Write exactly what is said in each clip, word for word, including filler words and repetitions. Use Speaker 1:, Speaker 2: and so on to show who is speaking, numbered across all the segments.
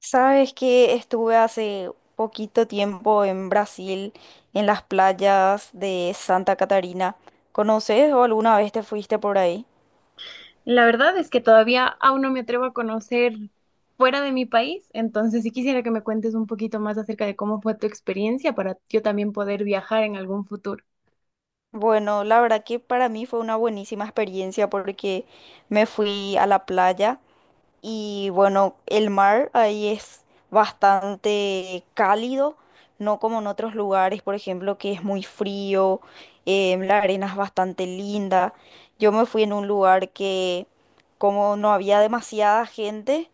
Speaker 1: Sabes que estuve hace poquito tiempo en Brasil, en las playas de Santa Catarina. ¿Conoces o alguna vez te fuiste por ahí?
Speaker 2: La verdad es que todavía aún no me atrevo a conocer fuera de mi país, entonces sí quisiera que me cuentes un poquito más acerca de cómo fue tu experiencia para yo también poder viajar en algún futuro.
Speaker 1: Bueno, la verdad que para mí fue una buenísima experiencia porque me fui a la playa. Y bueno, el mar ahí es bastante cálido, no como en otros lugares, por ejemplo, que es muy frío. Em, la arena es bastante linda. Yo me fui en un lugar que como no había demasiada gente,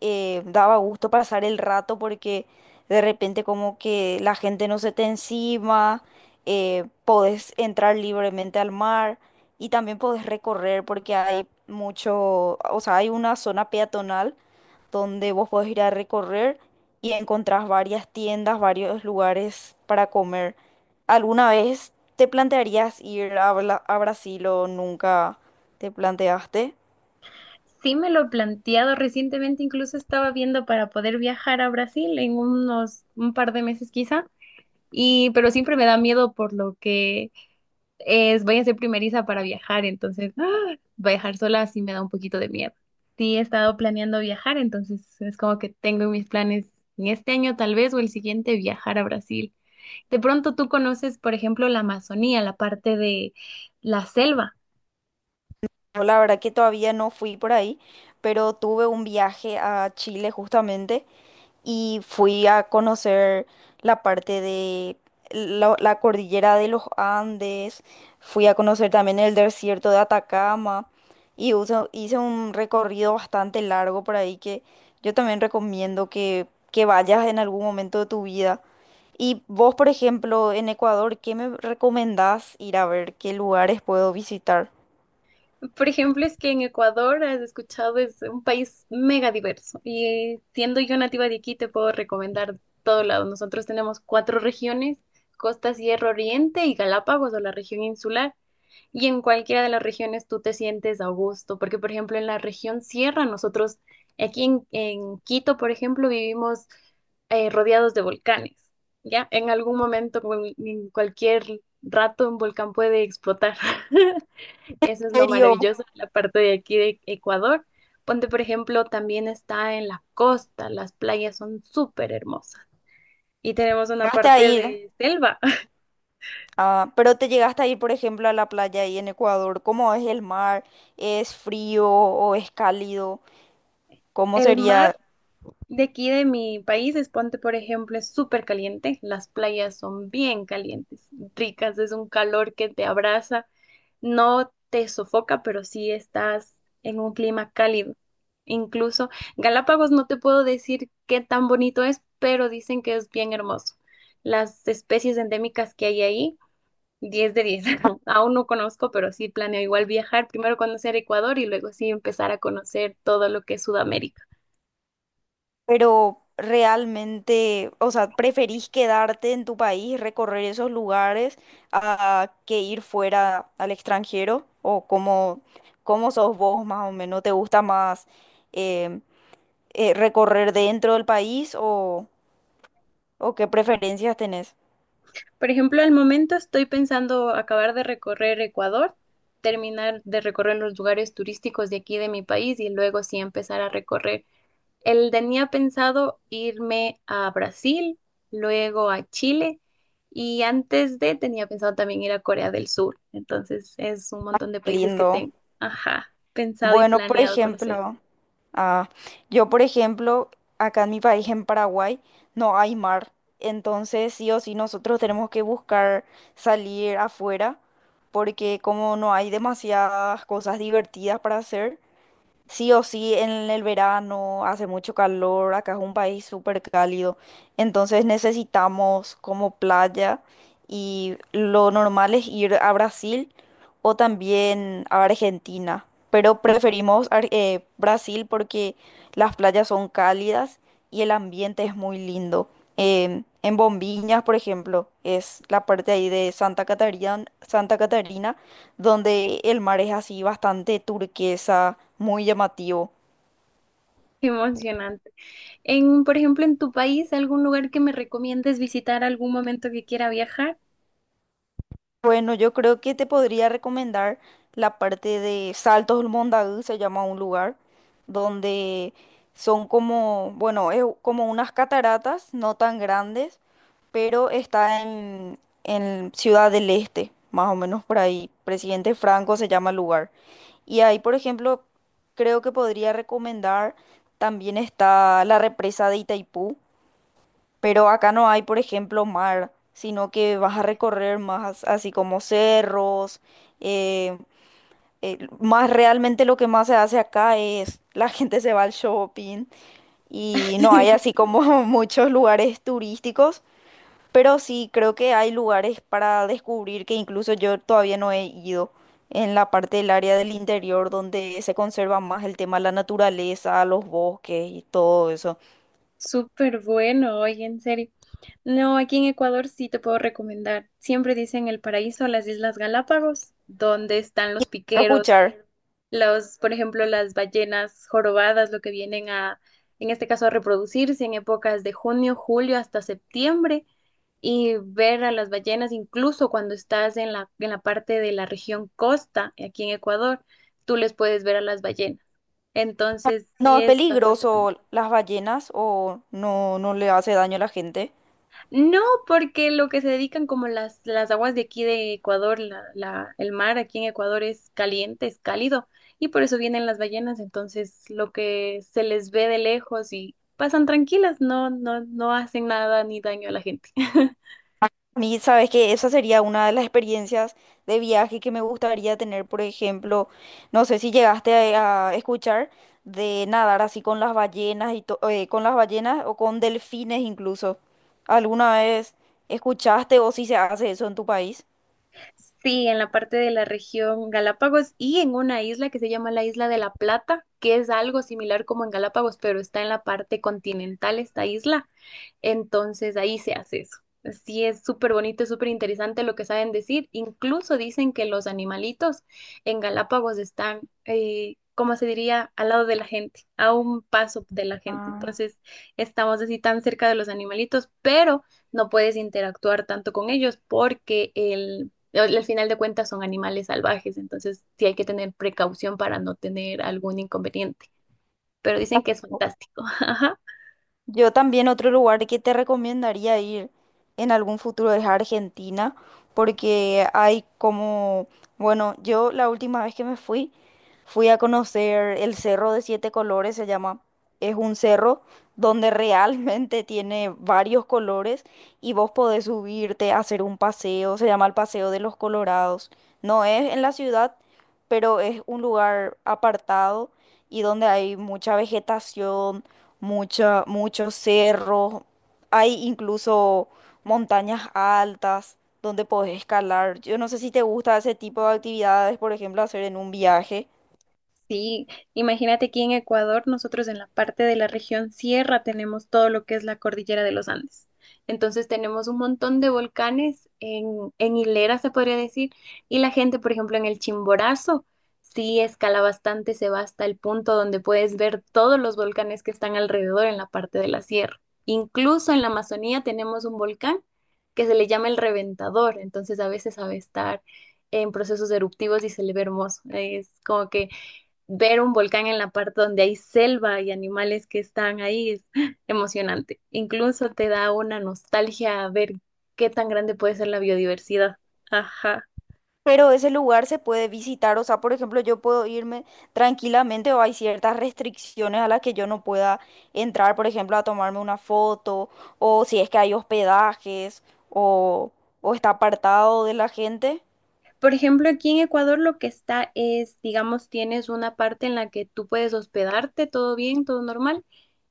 Speaker 1: eh, daba gusto pasar el rato porque de repente como que la gente no se te encima. Eh, podés entrar libremente al mar y también podés recorrer porque hay mucho, o sea, hay una zona peatonal donde vos podés ir a recorrer y encontrás varias tiendas, varios lugares para comer. ¿Alguna vez te plantearías ir a, Bla- a Brasil o nunca te planteaste?
Speaker 2: Sí me lo he planteado recientemente, incluso estaba viendo para poder viajar a Brasil en unos un par de meses quizá, y pero siempre me da miedo por lo que es, voy a ser primeriza para viajar, entonces ¡ah! Viajar sola sí me da un poquito de miedo. Sí, he estado planeando viajar, entonces es como que tengo en mis planes en este año tal vez o el siguiente viajar a Brasil. De pronto tú conoces, por ejemplo, la Amazonía, la parte de la selva.
Speaker 1: Yo la verdad que todavía no fui por ahí, pero tuve un viaje a Chile justamente y fui a conocer la parte de la, la cordillera de los Andes, fui a conocer también el desierto de Atacama y uso- hice un recorrido bastante largo por ahí que yo también recomiendo que, que vayas en algún momento de tu vida. Y vos, por ejemplo, en Ecuador, ¿qué me recomendás ir a ver? ¿Qué lugares puedo visitar?
Speaker 2: Por ejemplo, es que en Ecuador, has escuchado, es un país mega diverso. Y siendo yo nativa de aquí, te puedo recomendar todo lado. Nosotros tenemos cuatro regiones: Costa, Sierra, Oriente y Galápagos, o la región insular. Y en cualquiera de las regiones tú te sientes a gusto, porque por ejemplo en la región Sierra, nosotros aquí en, en Quito, por ejemplo, vivimos eh, rodeados de volcanes. ¿Ya? En algún momento, cu- en cualquier rato, un volcán puede explotar. Eso es
Speaker 1: ¿En
Speaker 2: lo
Speaker 1: serio?
Speaker 2: maravilloso de la parte de aquí de Ecuador. Ponte, por ejemplo, también está en la costa, las playas son súper hermosas y tenemos una
Speaker 1: Llegaste a
Speaker 2: parte
Speaker 1: ir,
Speaker 2: de selva.
Speaker 1: ah, pero te llegaste a ir, por ejemplo, a la playa ahí en Ecuador. ¿Cómo es el mar? ¿Es frío o es cálido? ¿Cómo
Speaker 2: El
Speaker 1: sería?
Speaker 2: mar de aquí de mi país, es, ponte, por ejemplo, es súper caliente. Las playas son bien calientes, ricas, es un calor que te abraza, no te sofoca, pero sí estás en un clima cálido. Incluso Galápagos no te puedo decir qué tan bonito es, pero dicen que es bien hermoso. Las especies endémicas que hay ahí, diez de diez. Aún no conozco, pero sí planeo igual viajar, primero conocer Ecuador y luego sí empezar a conocer todo lo que es Sudamérica.
Speaker 1: Pero realmente, o sea, ¿preferís quedarte en tu país, recorrer esos lugares, a que ir fuera al extranjero? ¿O cómo, cómo sos vos más o menos? ¿Te gusta más em, eh, recorrer dentro del país o, o qué preferencias tenés?
Speaker 2: Por ejemplo, al momento estoy pensando acabar de recorrer Ecuador, terminar de recorrer los lugares turísticos de aquí de mi país y luego sí empezar a recorrer. El tenía pensado irme a Brasil, luego a Chile y antes de tenía pensado también ir a Corea del Sur. Entonces es un montón de países que
Speaker 1: Lindo.
Speaker 2: tengo, ajá, pensado y
Speaker 1: Bueno, por
Speaker 2: planeado conocer.
Speaker 1: ejemplo, ah, yo, por ejemplo, acá en mi país, en Paraguay, no hay mar. Entonces, sí o sí, nosotros tenemos que buscar salir afuera, porque como no hay demasiadas cosas divertidas para hacer, sí o sí, en el verano hace mucho calor, acá es un país súper cálido, entonces necesitamos como playa y lo normal es ir a Brasil o también a Argentina, pero preferimos Ar- eh, Brasil porque las playas son cálidas y el ambiente es muy lindo. Em, en Bombiñas, por ejemplo, es la parte ahí de Santa Catarina, Santa Catarina donde el mar es así bastante turquesa, muy llamativo.
Speaker 2: Qué emocionante. En, por ejemplo, en tu país, ¿algún lugar que me recomiendes visitar algún momento que quiera viajar?
Speaker 1: Bueno, yo creo que te podría recomendar la parte de Saltos del Mondadú, se llama un lugar, donde son como, bueno, es como unas cataratas, no tan grandes, pero está en, en Ciudad del Este, más o menos por ahí. Presidente Franco se llama el lugar. Y ahí, por ejemplo, creo que podría recomendar, también está la represa de Itaipú. Pero acá no hay, por ejemplo, mar, sino que vas a recorrer más así como cerros. eh, eh, Más realmente lo que más se hace acá es la gente se va al shopping y no hay así como muchos lugares turísticos, pero sí creo que hay lugares para descubrir que incluso yo todavía no he ido en la parte del área del interior donde se conserva más el tema de la naturaleza, los bosques y todo eso.
Speaker 2: Súper bueno, oye, en serio. No, aquí en Ecuador sí te puedo recomendar. Siempre dicen el paraíso, las Islas Galápagos, donde están los
Speaker 1: Quiero
Speaker 2: piqueros,
Speaker 1: escuchar.
Speaker 2: los, por ejemplo, las ballenas jorobadas, lo que vienen a, en este caso, a reproducirse en épocas de junio, julio hasta septiembre y ver a las ballenas. Incluso cuando estás en la, en la parte de la región costa, aquí en Ecuador, tú les puedes ver a las ballenas. Entonces,
Speaker 1: ¿No
Speaker 2: sí
Speaker 1: es
Speaker 2: es bastante bonito.
Speaker 1: peligroso las ballenas? O no, no le hace daño a la gente.
Speaker 2: No, porque lo que se dedican como las, las aguas de aquí de Ecuador, la, la, el mar aquí en Ecuador es caliente, es cálido, y por eso vienen las ballenas, entonces lo que se les ve de lejos y pasan tranquilas, no, no, no hacen nada ni daño a la gente.
Speaker 1: A mí, sabes que esa sería una de las experiencias de viaje que me gustaría tener, por ejemplo, no sé si llegaste a, a escuchar de nadar así con las ballenas y to- eh, con las ballenas o con delfines incluso. ¿Alguna vez escuchaste o si se hace eso en tu país?
Speaker 2: Sí, en la parte de la región Galápagos y en una isla que se llama la Isla de la Plata, que es algo similar como en Galápagos, pero está en la parte continental esta isla. Entonces ahí se hace eso. Sí, es súper bonito, es súper interesante lo que saben decir. Incluso dicen que los animalitos en Galápagos están, eh, como se diría, al lado de la gente, a un paso de la gente.
Speaker 1: Ah.
Speaker 2: Entonces estamos así tan cerca de los animalitos, pero no puedes interactuar tanto con ellos porque el al final de cuentas son animales salvajes, entonces sí hay que tener precaución para no tener algún inconveniente, pero dicen que es fantástico. Ajá.
Speaker 1: Yo también otro lugar que te recomendaría ir en algún futuro es Argentina, porque hay como, bueno, yo la última vez que me fui, fui a conocer el Cerro de Siete Colores, se llama. Es un cerro donde realmente tiene varios colores y vos podés subirte a hacer un paseo, se llama el Paseo de los Colorados. No es en la ciudad, pero es un lugar apartado y donde hay mucha vegetación, mucha, muchos cerros, hay incluso montañas altas donde podés escalar. Yo no sé si te gusta ese tipo de actividades, por ejemplo, hacer en un viaje,
Speaker 2: Sí, imagínate aquí en Ecuador, nosotros en la parte de la región sierra tenemos todo lo que es la cordillera de los Andes. Entonces tenemos un montón de volcanes en, en hilera, se podría decir, y la gente, por ejemplo, en el Chimborazo, sí escala bastante, se va hasta el punto donde puedes ver todos los volcanes que están alrededor en la parte de la sierra. Incluso en la Amazonía tenemos un volcán que se le llama el Reventador, entonces a veces sabe estar en procesos eruptivos y se le ve hermoso. Es como que ver un volcán en la parte donde hay selva y animales que están ahí es emocionante. Incluso te da una nostalgia a ver qué tan grande puede ser la biodiversidad. Ajá.
Speaker 1: pero ese lugar se puede visitar, o sea, por ejemplo, ¿yo puedo irme tranquilamente o hay ciertas restricciones a las que yo no pueda entrar, por ejemplo, a tomarme una foto, o si es que hay hospedajes o, o está apartado de la gente?
Speaker 2: Por ejemplo, aquí en Ecuador lo que está es, digamos, tienes una parte en la que tú puedes hospedarte, todo bien, todo normal,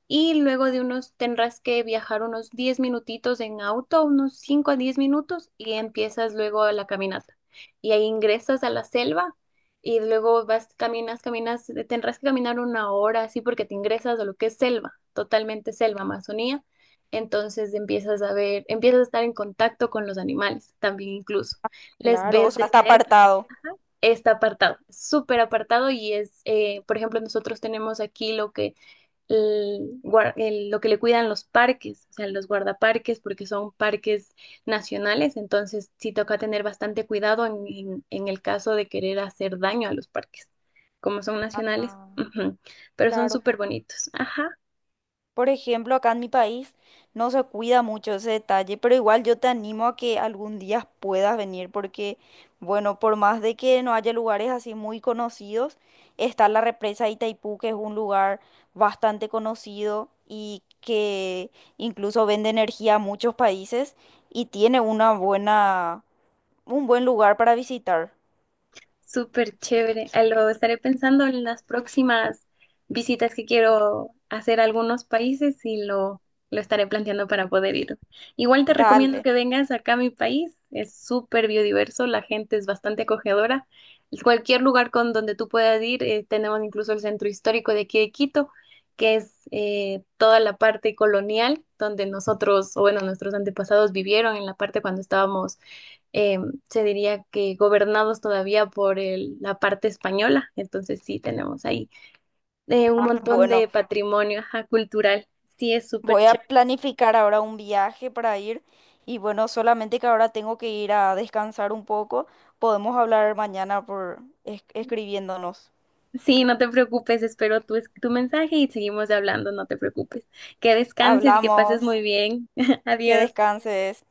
Speaker 2: y luego de unos tendrás que viajar unos diez minutitos en auto, unos cinco a diez minutos y empiezas luego la caminata. Y ahí ingresas a la selva y luego vas, caminas, caminas, eh, tendrás que caminar una hora así porque te ingresas a lo que es selva, totalmente selva, Amazonía. Entonces empiezas a ver, empiezas a estar en contacto con los animales también incluso. Les
Speaker 1: Claro, o
Speaker 2: ves
Speaker 1: sea,
Speaker 2: de
Speaker 1: está
Speaker 2: cerca.
Speaker 1: apartado.
Speaker 2: Está apartado, súper apartado y es, eh, por ejemplo, nosotros tenemos aquí lo que el guar- el- lo que le cuidan los parques, o sea, los guardaparques, porque son parques nacionales, entonces sí toca tener bastante cuidado en, en- en el caso de querer hacer daño a los parques, como son nacionales,
Speaker 1: Ah,
Speaker 2: ujú, pero son
Speaker 1: claro.
Speaker 2: súper bonitos. Ajá.
Speaker 1: Por ejemplo, acá en mi país no se cuida mucho ese detalle, pero igual yo te animo a que algún día puedas venir porque, bueno, por más de que no haya lugares así muy conocidos, está la represa de Itaipú, que es un lugar bastante conocido y que incluso vende energía a muchos países y tiene una buena, un buen lugar para visitar.
Speaker 2: Súper chévere. Ah, lo estaré pensando en las próximas visitas que quiero hacer a algunos países y lo, lo estaré planteando para poder ir. Igual te recomiendo
Speaker 1: Dale.
Speaker 2: que vengas acá a mi país. Es súper biodiverso, la gente es bastante acogedora. Cualquier lugar con donde tú puedas ir, eh, tenemos incluso el centro histórico de aquí de Quito, que es eh, toda la parte colonial donde nosotros, o bueno, nuestros antepasados vivieron en la parte cuando estábamos, eh, se diría, que gobernados todavía por el- la parte española. Entonces sí, tenemos ahí, eh, un montón
Speaker 1: Bueno.
Speaker 2: de patrimonio, ajá, cultural. Sí, es súper
Speaker 1: Voy
Speaker 2: chévere.
Speaker 1: a planificar ahora un viaje para ir y bueno, solamente que ahora tengo que ir a descansar un poco. Podemos hablar mañana por es- escribiéndonos.
Speaker 2: Sí, no te preocupes, espero tu, es- tu mensaje y seguimos hablando, no te preocupes. Que descanses y que pases
Speaker 1: Hablamos.
Speaker 2: muy bien.
Speaker 1: Que
Speaker 2: Adiós.
Speaker 1: descanses.